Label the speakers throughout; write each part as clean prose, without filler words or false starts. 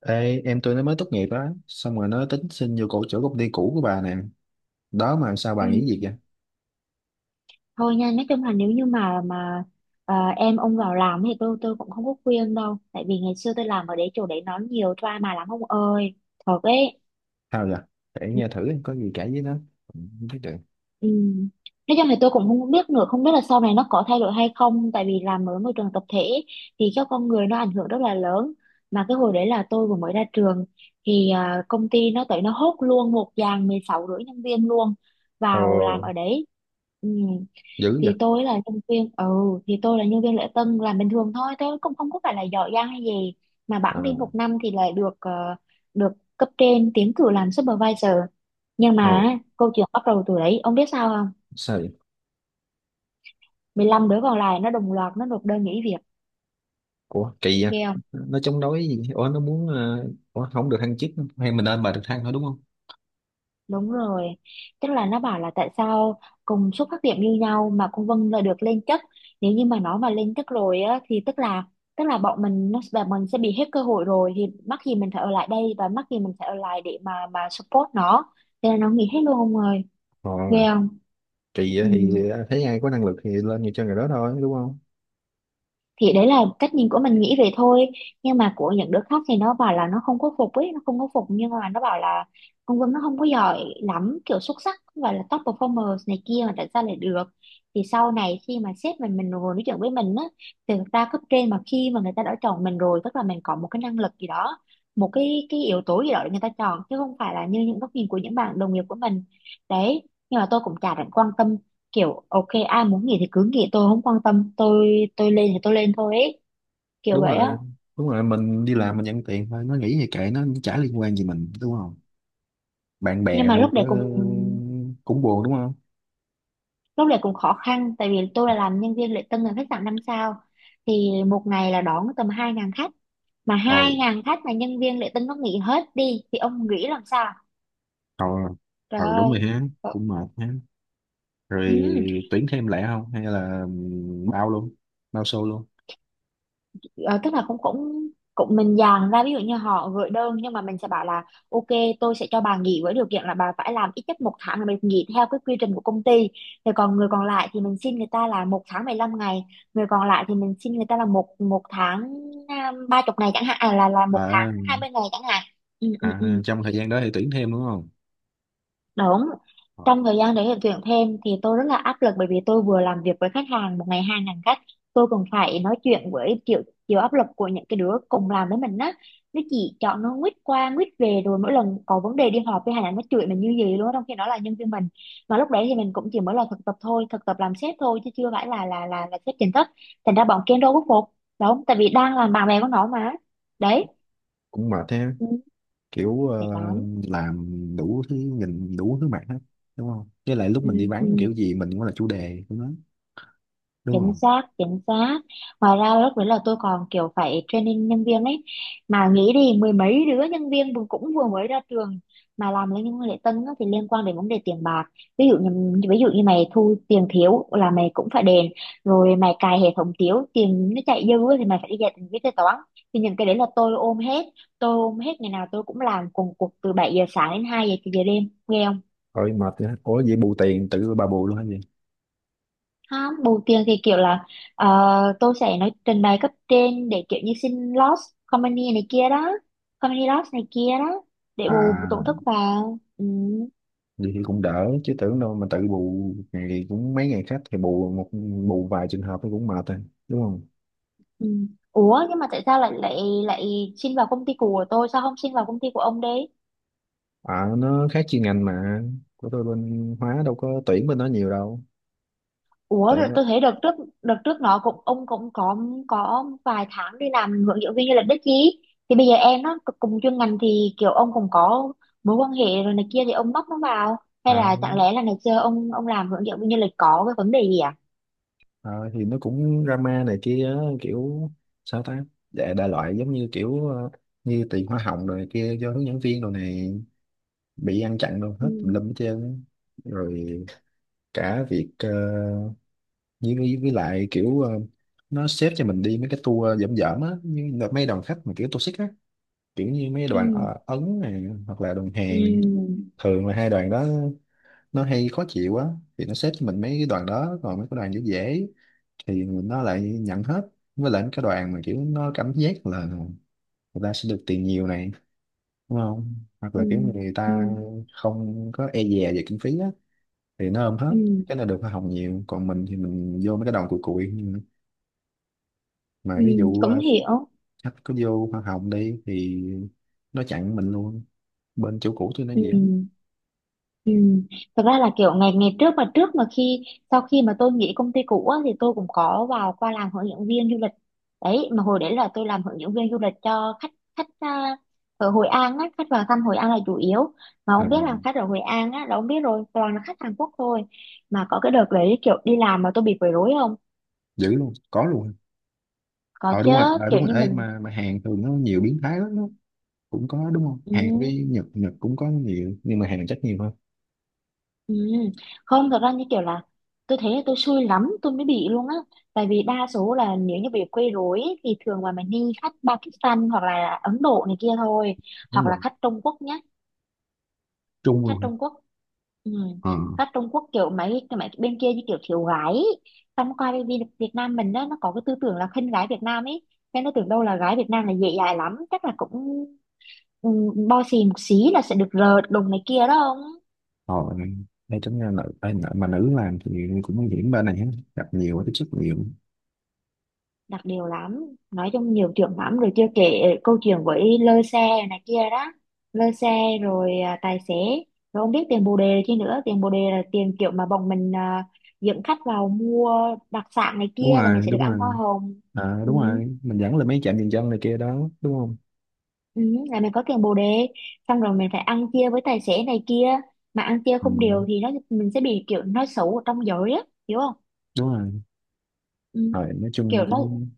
Speaker 1: Ê, em tôi nó mới tốt nghiệp á, xong rồi nó tính xin vô cổ chỗ công ty cũ của bà nè đó, mà sao
Speaker 2: Ừ.
Speaker 1: bà nghĩ gì vậy?
Speaker 2: Thôi nha, nói chung là nếu như mà em ông vào làm thì tôi cũng không có khuyên đâu, tại vì ngày xưa tôi làm ở đấy chỗ đấy nó nhiều drama lắm ông ơi, thật ấy.
Speaker 1: Sao vậy? Để nghe thử có gì cãi với nó. Ừ, không biết được.
Speaker 2: Ừ. Nói chung thì tôi cũng không biết nữa, không biết là sau này nó có thay đổi hay không, tại vì làm ở môi trường tập thể thì các con người nó ảnh hưởng rất là lớn. Mà cái hồi đấy là tôi vừa mới ra trường thì công ty nó tới nó hốt luôn một dàn 16,5 nhân viên luôn
Speaker 1: Ờ,
Speaker 2: vào làm ở đấy. Ừ.
Speaker 1: dữ vậy?
Speaker 2: thì tôi là nhân viên ừ thì tôi là nhân viên lễ tân làm bình thường thôi, tôi cũng không có phải là giỏi giang hay gì, mà
Speaker 1: ờ
Speaker 2: bẵng đi một năm thì lại được cấp trên tiến cử làm supervisor, nhưng
Speaker 1: ờ,
Speaker 2: mà câu chuyện bắt đầu từ đấy ông biết sao không?
Speaker 1: Sao vậy?
Speaker 2: 15 đứa còn lại nó đồng loạt nó nộp đơn nghỉ việc.
Speaker 1: Ủa kỳ vậy?
Speaker 2: Ghê.
Speaker 1: Nó chống đối gì? Ủa nó muốn ủa không được thăng chức, hay mình lên bà được thăng thôi đúng không?
Speaker 2: Đúng rồi, tức là nó bảo là tại sao cùng xuất phát điểm như nhau mà con Vân là được lên chức. Nếu như mà nó mà lên chức rồi á thì tức là bọn mình nó và mình sẽ bị hết cơ hội rồi, thì mắc gì mình phải ở lại đây, và mắc gì mình phải ở lại để mà support nó. Thế là nó nghỉ hết luôn ông ơi,
Speaker 1: Ờ,
Speaker 2: ghê không?
Speaker 1: kỳ
Speaker 2: Ừ.
Speaker 1: vậy thì thấy ai có năng lực thì lên nhiều cho người đó thôi, đúng không?
Speaker 2: Thì đấy là cách nhìn của mình nghĩ về thôi, nhưng mà của những đứa khác thì nó bảo là nó không có phục ấy, nó không có phục nhưng mà nó bảo là ông Vân nó không có giỏi lắm, kiểu xuất sắc, không phải là top performer này kia mà tại sao lại được. Thì sau này khi mà sếp mình ngồi nói chuyện với mình á, thì thực ra cấp trên mà khi mà người ta đã chọn mình rồi tức là mình có một cái năng lực gì đó, một cái yếu tố gì đó để người ta chọn, chứ không phải là như những góc nhìn của những bạn đồng nghiệp của mình đấy. Nhưng mà tôi cũng chả định quan tâm, kiểu ok ai muốn nghỉ thì cứ nghỉ, tôi không quan tâm, tôi lên thì tôi lên thôi ấy, kiểu
Speaker 1: Đúng
Speaker 2: vậy á.
Speaker 1: rồi, đúng rồi, mình đi
Speaker 2: Ừ.
Speaker 1: làm mình nhận tiền thôi, nó nghĩ gì kệ nó, chả liên quan gì mình, đúng. Bạn
Speaker 2: Nhưng
Speaker 1: bè
Speaker 2: mà
Speaker 1: đâu có. Cũng buồn đúng không?
Speaker 2: lúc đấy cũng khó khăn, tại vì tôi là làm nhân viên lễ tân ở khách sạn 5 sao thì một ngày là đón tầm 2.000 khách, mà
Speaker 1: ờ
Speaker 2: 2.000 khách mà nhân viên lễ tân nó nghỉ hết đi thì ông nghĩ làm sao?
Speaker 1: ờ
Speaker 2: Trời
Speaker 1: Đúng
Speaker 2: ơi.
Speaker 1: rồi ha.
Speaker 2: Ờ,
Speaker 1: Cũng mệt ha.
Speaker 2: ừ.
Speaker 1: Rồi, tuyển thêm lẻ không hay là bao luôn, bao xô luôn?
Speaker 2: Ờ, tức là cũng cũng cũng mình dàn ra, ví dụ như họ gửi đơn nhưng mà mình sẽ bảo là ok, tôi sẽ cho bà nghỉ với điều kiện là bà phải làm ít nhất một tháng, là mình nghỉ theo cái quy trình của công ty. Thì còn người còn lại thì mình xin người ta là 1 tháng 15 ngày, người còn lại thì mình xin người ta là một một tháng, 30 ngày chẳng hạn, là một tháng
Speaker 1: À,
Speaker 2: hai mươi ngày chẳng hạn. Ừ, ừ, ừ.
Speaker 1: à trong thời gian đó thì tuyển thêm đúng không?
Speaker 2: Đúng.
Speaker 1: Ờ,
Speaker 2: Trong thời gian đấy để tuyển thêm thì tôi rất là áp lực, bởi vì tôi vừa làm việc với khách hàng một ngày 2.000 khách, tôi còn phải nói chuyện với chịu chịu áp lực của những cái đứa cùng làm với mình á. Nó chỉ chọn nó quýt qua quýt về, rồi mỗi lần có vấn đề đi họp với hàng nó chửi mình như gì luôn á, trong khi nó là nhân viên mình. Mà lúc đấy thì mình cũng chỉ mới là thực tập thôi, thực tập làm sếp thôi chứ chưa phải là sếp chính thức. Thành ra bọn kia đâu có phục. Đúng, tại vì đang làm bạn bè của nó mà. Đấy.
Speaker 1: cũng mệt ha,
Speaker 2: Ừ,
Speaker 1: kiểu
Speaker 2: mệt lắm.
Speaker 1: làm đủ thứ, nhìn đủ thứ mặt hết, đúng không? Với lại lúc mình đi
Speaker 2: Ừ,
Speaker 1: vắng
Speaker 2: ừ.
Speaker 1: kiểu gì mình cũng là chủ đề của nó, đúng
Speaker 2: Chính
Speaker 1: không?
Speaker 2: xác, chính xác. Ngoài ra lúc đấy là tôi còn kiểu phải training nhân viên ấy, mà nghĩ đi mười mấy đứa nhân viên vừa- cũng vừa mới ra trường mà làm lên những lễ tân á thì liên quan đến vấn đề tiền bạc. Ví dụ như mày thu tiền thiếu là mày cũng phải đền, rồi mày cài hệ thống thiếu tiền nó chạy dư á thì mày phải đi dạy tính viết kế toán. Thì những cái đấy là tôi ôm hết, tôi ôm hết, ngày nào tôi cũng làm cùng cuộc từ 7 giờ sáng đến 2 giờ đêm nghe.
Speaker 1: Ôi mệt ha, ủa vậy bù tiền tự bà bù luôn hay gì?
Speaker 2: Không bù tiền thì kiểu là ờ, tôi sẽ nói trình bày cấp trên để kiểu như xin loss company này kia đó, company loss này kia đó để bù tổn
Speaker 1: À,
Speaker 2: thất vào. Ừ,
Speaker 1: vậy thì cũng đỡ, chứ tưởng đâu mà tự bù, ngày cũng mấy ngày khách thì bù một, bù vài trường hợp thì cũng mệt rồi, đúng không?
Speaker 2: ừ. Ủa nhưng mà tại sao lại lại lại xin vào công ty của tôi, sao không xin vào công ty của ông đi?
Speaker 1: À, nó khác chuyên ngành mà, của tôi bên hóa đâu có tuyển bên đó nhiều đâu.
Speaker 2: Ủa
Speaker 1: Tại
Speaker 2: rồi
Speaker 1: nó
Speaker 2: tôi thấy đợt trước, đợt trước nó cũng, ông cũng có vài tháng đi làm hướng dẫn viên du lịch đấy chứ, thì bây giờ em nó c- cùng chuyên ngành thì kiểu ông cũng có mối quan hệ rồi này kia thì ông bắt nó vào, hay
Speaker 1: à,
Speaker 2: là chẳng lẽ là ngày xưa ông làm hướng dẫn viên du lịch có cái vấn đề gì à?
Speaker 1: à thì nó cũng drama này kia á, kiểu sao ta, đại, đại loại giống như kiểu như tiền hoa hồng rồi này kia cho hướng dẫn viên rồi này, bị ăn chặn đâu
Speaker 2: Ừ,
Speaker 1: hết, tùm lum hết trơn á. Rồi cả việc với lại kiểu nó xếp cho mình đi mấy cái tour dởm dởm á, như là mấy đoàn khách mà kiểu tour toxic á, kiểu như mấy
Speaker 2: ừ,
Speaker 1: đoàn Ấn này hoặc là đoàn Hàn,
Speaker 2: ừ,
Speaker 1: thường là hai đoàn đó nó hay khó chịu á. Thì nó xếp cho mình mấy cái đoàn đó, còn mấy cái đoàn dễ dễ thì nó lại nhận hết. Với lại mấy cái đoàn mà kiểu nó cảm giác là người ta sẽ được tiền nhiều này, đúng không, hoặc
Speaker 2: ừ,
Speaker 1: là kiểu người
Speaker 2: ừ,
Speaker 1: ta không có e dè về kinh phí á thì nó ôm hết.
Speaker 2: ừ,
Speaker 1: Cái này được hoa hồng nhiều, còn mình thì mình vô mấy cái đoàn cùi cùi, mà
Speaker 2: ừ.
Speaker 1: ví dụ
Speaker 2: Cũng hiểu.
Speaker 1: khách có vô hoa hồng đi thì nó chặn mình luôn. Bên chỗ cũ tôi nó gì á.
Speaker 2: Ừ. Ừ. Thật ra là kiểu ngày ngày trước mà khi sau khi mà tôi nghỉ công ty cũ á, thì tôi cũng có vào qua làm hướng dẫn viên du lịch đấy, mà hồi đấy là tôi làm hướng dẫn viên du lịch cho khách khách ở Hội An á, khách vào thăm Hội An là chủ yếu, mà
Speaker 1: À,
Speaker 2: ông biết là khách ở Hội An á là ông biết rồi, toàn là khách Hàn Quốc thôi. Mà có cái đợt đấy kiểu đi làm mà tôi bị quấy rối không?
Speaker 1: dữ luôn có luôn.
Speaker 2: Có
Speaker 1: Ờ đúng rồi,
Speaker 2: chứ.
Speaker 1: ờ
Speaker 2: Kiểu
Speaker 1: đúng rồi,
Speaker 2: như
Speaker 1: ê
Speaker 2: mình...
Speaker 1: mà Hàn thường nó nhiều biến thái lắm đó. Cũng có đúng không? Hàn với
Speaker 2: Ừ.
Speaker 1: Nhật, Nhật cũng có nhiều nhưng mà Hàn chắc nhiều hơn.
Speaker 2: Ừ. Không, thật ra như kiểu là tôi thấy là tôi xui lắm tôi mới bị luôn á, tại vì đa số là nếu như bị quấy rối ấy, thì thường là mình đi khách Pakistan hoặc là Ấn Độ này kia thôi,
Speaker 1: Đúng
Speaker 2: hoặc là
Speaker 1: rồi.
Speaker 2: khách Trung Quốc nhé.
Speaker 1: Trung
Speaker 2: Khách
Speaker 1: luôn hả?
Speaker 2: Trung Quốc. Ừ.
Speaker 1: Ờ.
Speaker 2: Khách Trung Quốc kiểu mấy cái mấy bên kia như kiểu thiếu gái ấy. Xong qua bên Việt Việt Nam mình đó, nó có cái tư tưởng là khinh gái Việt Nam ấy, nên nó tưởng đâu là gái Việt Nam là dễ dãi lắm, chắc là cũng ừ, bo xì một xí là sẽ được rợt đùng này kia đó không.
Speaker 1: Rồi, đây tính ra nữ, ê, nữ- mà nữ làm thì cũng nguy hiểm bên này ha, gặp nhiều, tiếp xúc nhiều.
Speaker 2: Đặc điều lắm. Nói chung nhiều chuyện lắm, rồi chưa kể câu chuyện với lơ xe này kia đó, lơ xe rồi tài xế, rồi không biết tiền bồ đề chi nữa. Tiền bồ đề là tiền kiểu mà bọn mình dẫn khách vào mua đặc sản này
Speaker 1: Đúng
Speaker 2: kia là mình
Speaker 1: rồi,
Speaker 2: sẽ được
Speaker 1: đúng
Speaker 2: ăn hoa
Speaker 1: rồi.
Speaker 2: hồng,
Speaker 1: À, đúng
Speaker 2: ừ,
Speaker 1: rồi, mình dẫn lên mấy trạm dừng chân này kia đó đúng không.
Speaker 2: ừ, là mình có tiền bồ đề. Xong rồi mình phải ăn chia với tài xế này kia, mà ăn chia
Speaker 1: Ừ,
Speaker 2: không đều thì nó mình sẽ bị kiểu nói xấu ở trong giới á, hiểu không?
Speaker 1: đúng rồi.
Speaker 2: Ừ,
Speaker 1: Rồi nói
Speaker 2: kiểu
Speaker 1: chung
Speaker 2: nó
Speaker 1: cũng.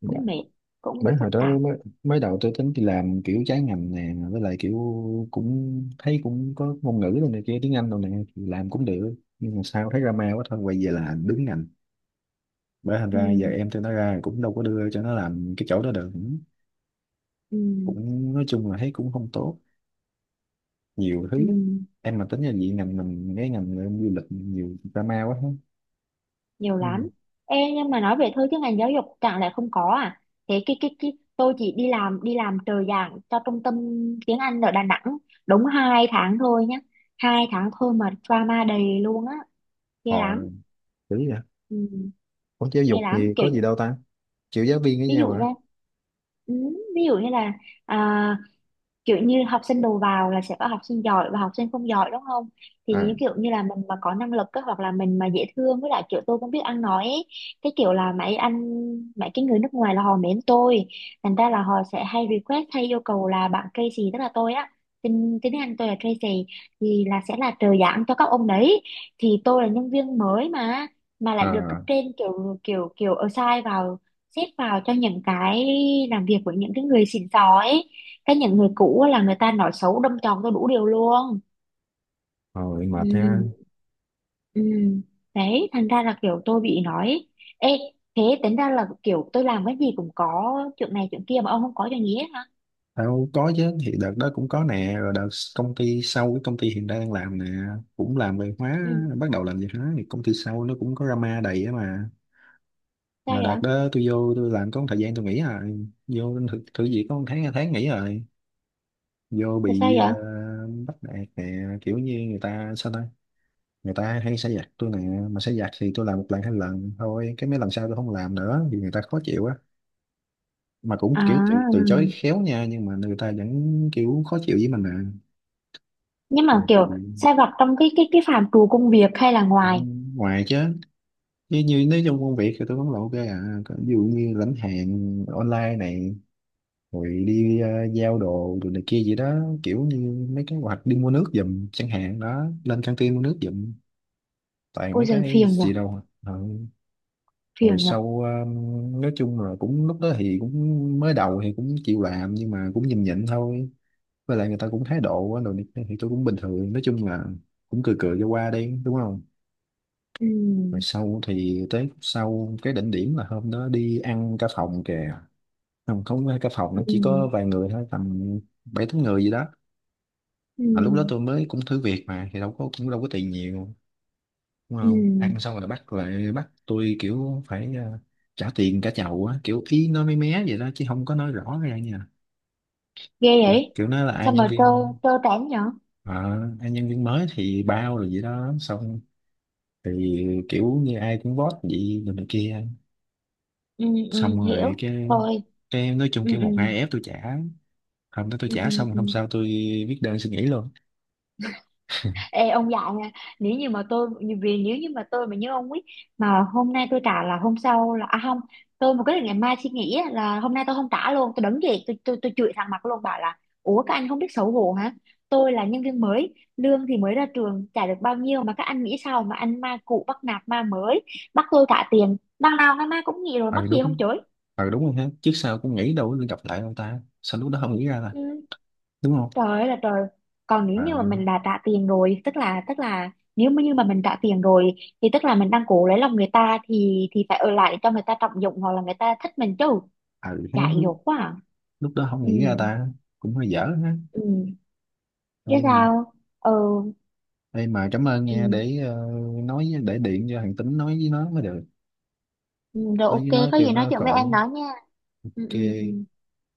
Speaker 1: Dạ.
Speaker 2: cũng mệt, cũng
Speaker 1: Bởi
Speaker 2: phức
Speaker 1: hồi đó
Speaker 2: tạp.
Speaker 1: mới, mới đầu tôi tính đi làm kiểu trái ngành nè, với lại kiểu cũng thấy cũng có ngôn ngữ rồi này kia, tiếng Anh rồi nè, thì làm cũng được nhưng mà sao thấy drama quá, thôi quay về là đứng ngành. Bởi thành
Speaker 2: Ừ,
Speaker 1: ra giờ em tôi nó ra cũng đâu có đưa cho nó làm cái chỗ đó được.
Speaker 2: ừ,
Speaker 1: Cũng nói chung là thấy cũng không tốt, nhiều
Speaker 2: ừ.
Speaker 1: thứ lắm. Em mà tính là gì, ngành mình, cái ngành em du lịch nhiều drama quá hết.
Speaker 2: Nhiều
Speaker 1: Ừ.
Speaker 2: lắm. Ê, nhưng mà nói về thôi chứ ngành giáo dục chẳng lẽ không có à? Thế cái tôi chỉ đi làm trợ giảng cho trung tâm tiếng Anh ở Đà Nẵng, đúng 2 tháng thôi nhá, 2 tháng thôi mà drama đầy luôn á. Ghê lắm.
Speaker 1: Hồi kiểu vậy.
Speaker 2: Ừ,
Speaker 1: Ủa giáo
Speaker 2: ghê
Speaker 1: dục
Speaker 2: lắm
Speaker 1: thì
Speaker 2: kiểu
Speaker 1: có
Speaker 2: như...
Speaker 1: gì đâu ta, chịu giáo viên với
Speaker 2: Ví
Speaker 1: nhau
Speaker 2: dụ nha.
Speaker 1: à?
Speaker 2: Ừ, ví dụ như là à, kiểu như học sinh đầu vào là sẽ có học sinh giỏi và học sinh không giỏi đúng không, thì
Speaker 1: À,
Speaker 2: như kiểu như là mình mà có năng lực á, hoặc là mình mà dễ thương với lại kiểu tôi cũng biết ăn nói ấy. Cái kiểu là mấy anh Mấy cái người nước ngoài là họ mến tôi, thành ra là họ sẽ hay request hay yêu cầu là bạn Tracy, tức là tôi á, tên tên tiếng Anh tôi là Tracy, thì là sẽ là trợ giảng cho các ông đấy. Thì tôi là nhân viên mới mà lại được cấp
Speaker 1: à.
Speaker 2: trên kiểu kiểu kiểu assign vào, xếp vào cho những cái làm việc của những cái người xịn sò ấy, cái những người cũ á là người ta nói xấu đâm chọc tôi đủ điều luôn.
Speaker 1: Rồi mệt ha.
Speaker 2: Ừ, ừ. Đấy thành ra là kiểu tôi bị nói. Ê, thế tính ra là kiểu tôi làm cái gì cũng có chuyện này chuyện kia mà ông không có chuyện gì hết hả?
Speaker 1: Tao có chứ, thì đợt đó cũng có nè, rồi đợt công ty sau, cái công ty hiện đang đang làm nè, cũng làm về hóa.
Speaker 2: Ừ.
Speaker 1: Bắt đầu làm về hóa thì công ty sau nó cũng có drama đầy á mà.
Speaker 2: Sao
Speaker 1: Mà đợt
Speaker 2: vậy?
Speaker 1: đó tôi vô tôi làm có một thời gian tôi nghỉ rồi, vô thử việc có một tháng hai tháng nghỉ rồi. Vô
Speaker 2: Tại sao
Speaker 1: bị
Speaker 2: vậy?
Speaker 1: bắt nạt nè, kiểu như người ta sao ta, người ta hay xả giặc tôi nè. Mà xả giặc thì tôi làm một lần hai lần thôi, cái mấy lần sau tôi không làm nữa vì người ta khó chịu á. Mà cũng
Speaker 2: À,
Speaker 1: kiểu từ chối khéo nha, nhưng mà người ta vẫn kiểu khó chịu với mình.
Speaker 2: nhưng mà kiểu
Speaker 1: Nè.
Speaker 2: sai vặt trong cái phạm trù công việc hay là
Speaker 1: Cũng
Speaker 2: ngoài?
Speaker 1: ngoài chứ. Như, như nếu trong công việc thì tôi vẫn là ok à, còn ví dụ như lãnh hàng online này, rồi đi giao đồ rồi này kia gì đó, kiểu như mấy cái, hoặc đi mua nước giùm chẳng hạn đó, lên căng tin mua nước giùm, toàn
Speaker 2: Ôi
Speaker 1: mấy
Speaker 2: giời,
Speaker 1: cái
Speaker 2: phiền nhở.
Speaker 1: gì đâu à. Ờ. Rồi
Speaker 2: Phiền nhở.
Speaker 1: sau nói chung là cũng lúc đó thì cũng mới đầu thì cũng chịu làm nhưng mà cũng nhịn nhịn thôi, với lại người ta cũng thái độ á, đồ này kia, thì tôi cũng bình thường, nói chung là cũng cười cười cho qua đi đúng không. Rồi
Speaker 2: Ừ,
Speaker 1: sau thì tới sau, cái đỉnh điểm là hôm đó đi ăn cả phòng kìa, không không phải cả phòng,
Speaker 2: ừ,
Speaker 1: nó chỉ có vài người thôi, tầm bảy tám người gì đó. Mà lúc đó
Speaker 2: ừ,
Speaker 1: tôi mới cũng thử việc mà, thì đâu có, cũng đâu có tiền nhiều đúng
Speaker 2: ừ.
Speaker 1: không. Ăn xong rồi bắt lại, bắt tôi kiểu phải trả tiền cả chầu á, kiểu ý nói mé mé vậy đó chứ không có nói rõ ra nha.
Speaker 2: Ghê
Speaker 1: Kiểu,
Speaker 2: vậy.
Speaker 1: kiểu nói là ai
Speaker 2: Sao
Speaker 1: nhân
Speaker 2: mà trơ
Speaker 1: viên
Speaker 2: trơ trẽn nhở.
Speaker 1: ờ, ai nhân viên mới thì bao rồi vậy đó, xong thì kiểu như ai cũng vote vậy rồi này kia.
Speaker 2: Ừ, ừ.
Speaker 1: Xong rồi
Speaker 2: Hiểu
Speaker 1: cái
Speaker 2: thôi.
Speaker 1: cái nói chung
Speaker 2: Ừ,
Speaker 1: kiểu
Speaker 2: ừ.
Speaker 1: một hai ép tôi trả. Hôm đó tôi
Speaker 2: Ừ,
Speaker 1: trả
Speaker 2: ừ,
Speaker 1: xong,
Speaker 2: ừ.
Speaker 1: hôm sau tôi viết đơn xin nghỉ luôn.
Speaker 2: Ê, ông dạy nha. Nếu như mà tôi, vì nếu như mà tôi mà như ông ấy, mà hôm nay tôi trả là hôm sau là à không, tôi mà quyết định ngày mai suy nghĩ á, là hôm nay tôi không trả luôn, tôi đứng dậy tôi chửi thẳng mặt luôn bảo là ủa các anh không biết xấu hổ hả, tôi là nhân viên mới lương thì mới ra trường trả được bao nhiêu mà các anh nghĩ sao mà anh ma cũ bắt nạt ma mới, bắt tôi trả tiền, đằng nào ngày mai cũng nghỉ rồi mắc
Speaker 1: Ờ
Speaker 2: gì không
Speaker 1: đúng,
Speaker 2: chửi.
Speaker 1: ờ đúng rồi ha, trước sau cũng nghĩ đâu có gặp lại ông ta, sao lúc đó không nghĩ ra ta,
Speaker 2: Ừ.
Speaker 1: đúng không?
Speaker 2: Trời ơi là trời. Còn nếu
Speaker 1: Ờ
Speaker 2: như mà mình đã trả tiền rồi, tức là nếu mà như mà mình trả tiền rồi thì tức là mình đang cố lấy lòng người ta, thì phải ở lại để cho người ta trọng dụng hoặc là người ta thích mình chứ.
Speaker 1: ờ ha,
Speaker 2: Dại
Speaker 1: lúc
Speaker 2: dột quá. À.
Speaker 1: lúc đó không
Speaker 2: Ừ.
Speaker 1: nghĩ ra ta, cũng hơi dở ha.
Speaker 2: Ừ. Chứ
Speaker 1: Đây mà,
Speaker 2: sao? Ừ.
Speaker 1: đây mà cảm ơn nha,
Speaker 2: Ừ.
Speaker 1: để nói với- để điện cho thằng Tính nói với nó mới được.
Speaker 2: Ừ, rồi
Speaker 1: Nói
Speaker 2: ok,
Speaker 1: với nó
Speaker 2: có
Speaker 1: kêu
Speaker 2: gì nói
Speaker 1: nó
Speaker 2: chuyện với em
Speaker 1: khỏi
Speaker 2: đó nha. Ừ, ừ,
Speaker 1: kê.
Speaker 2: ừ.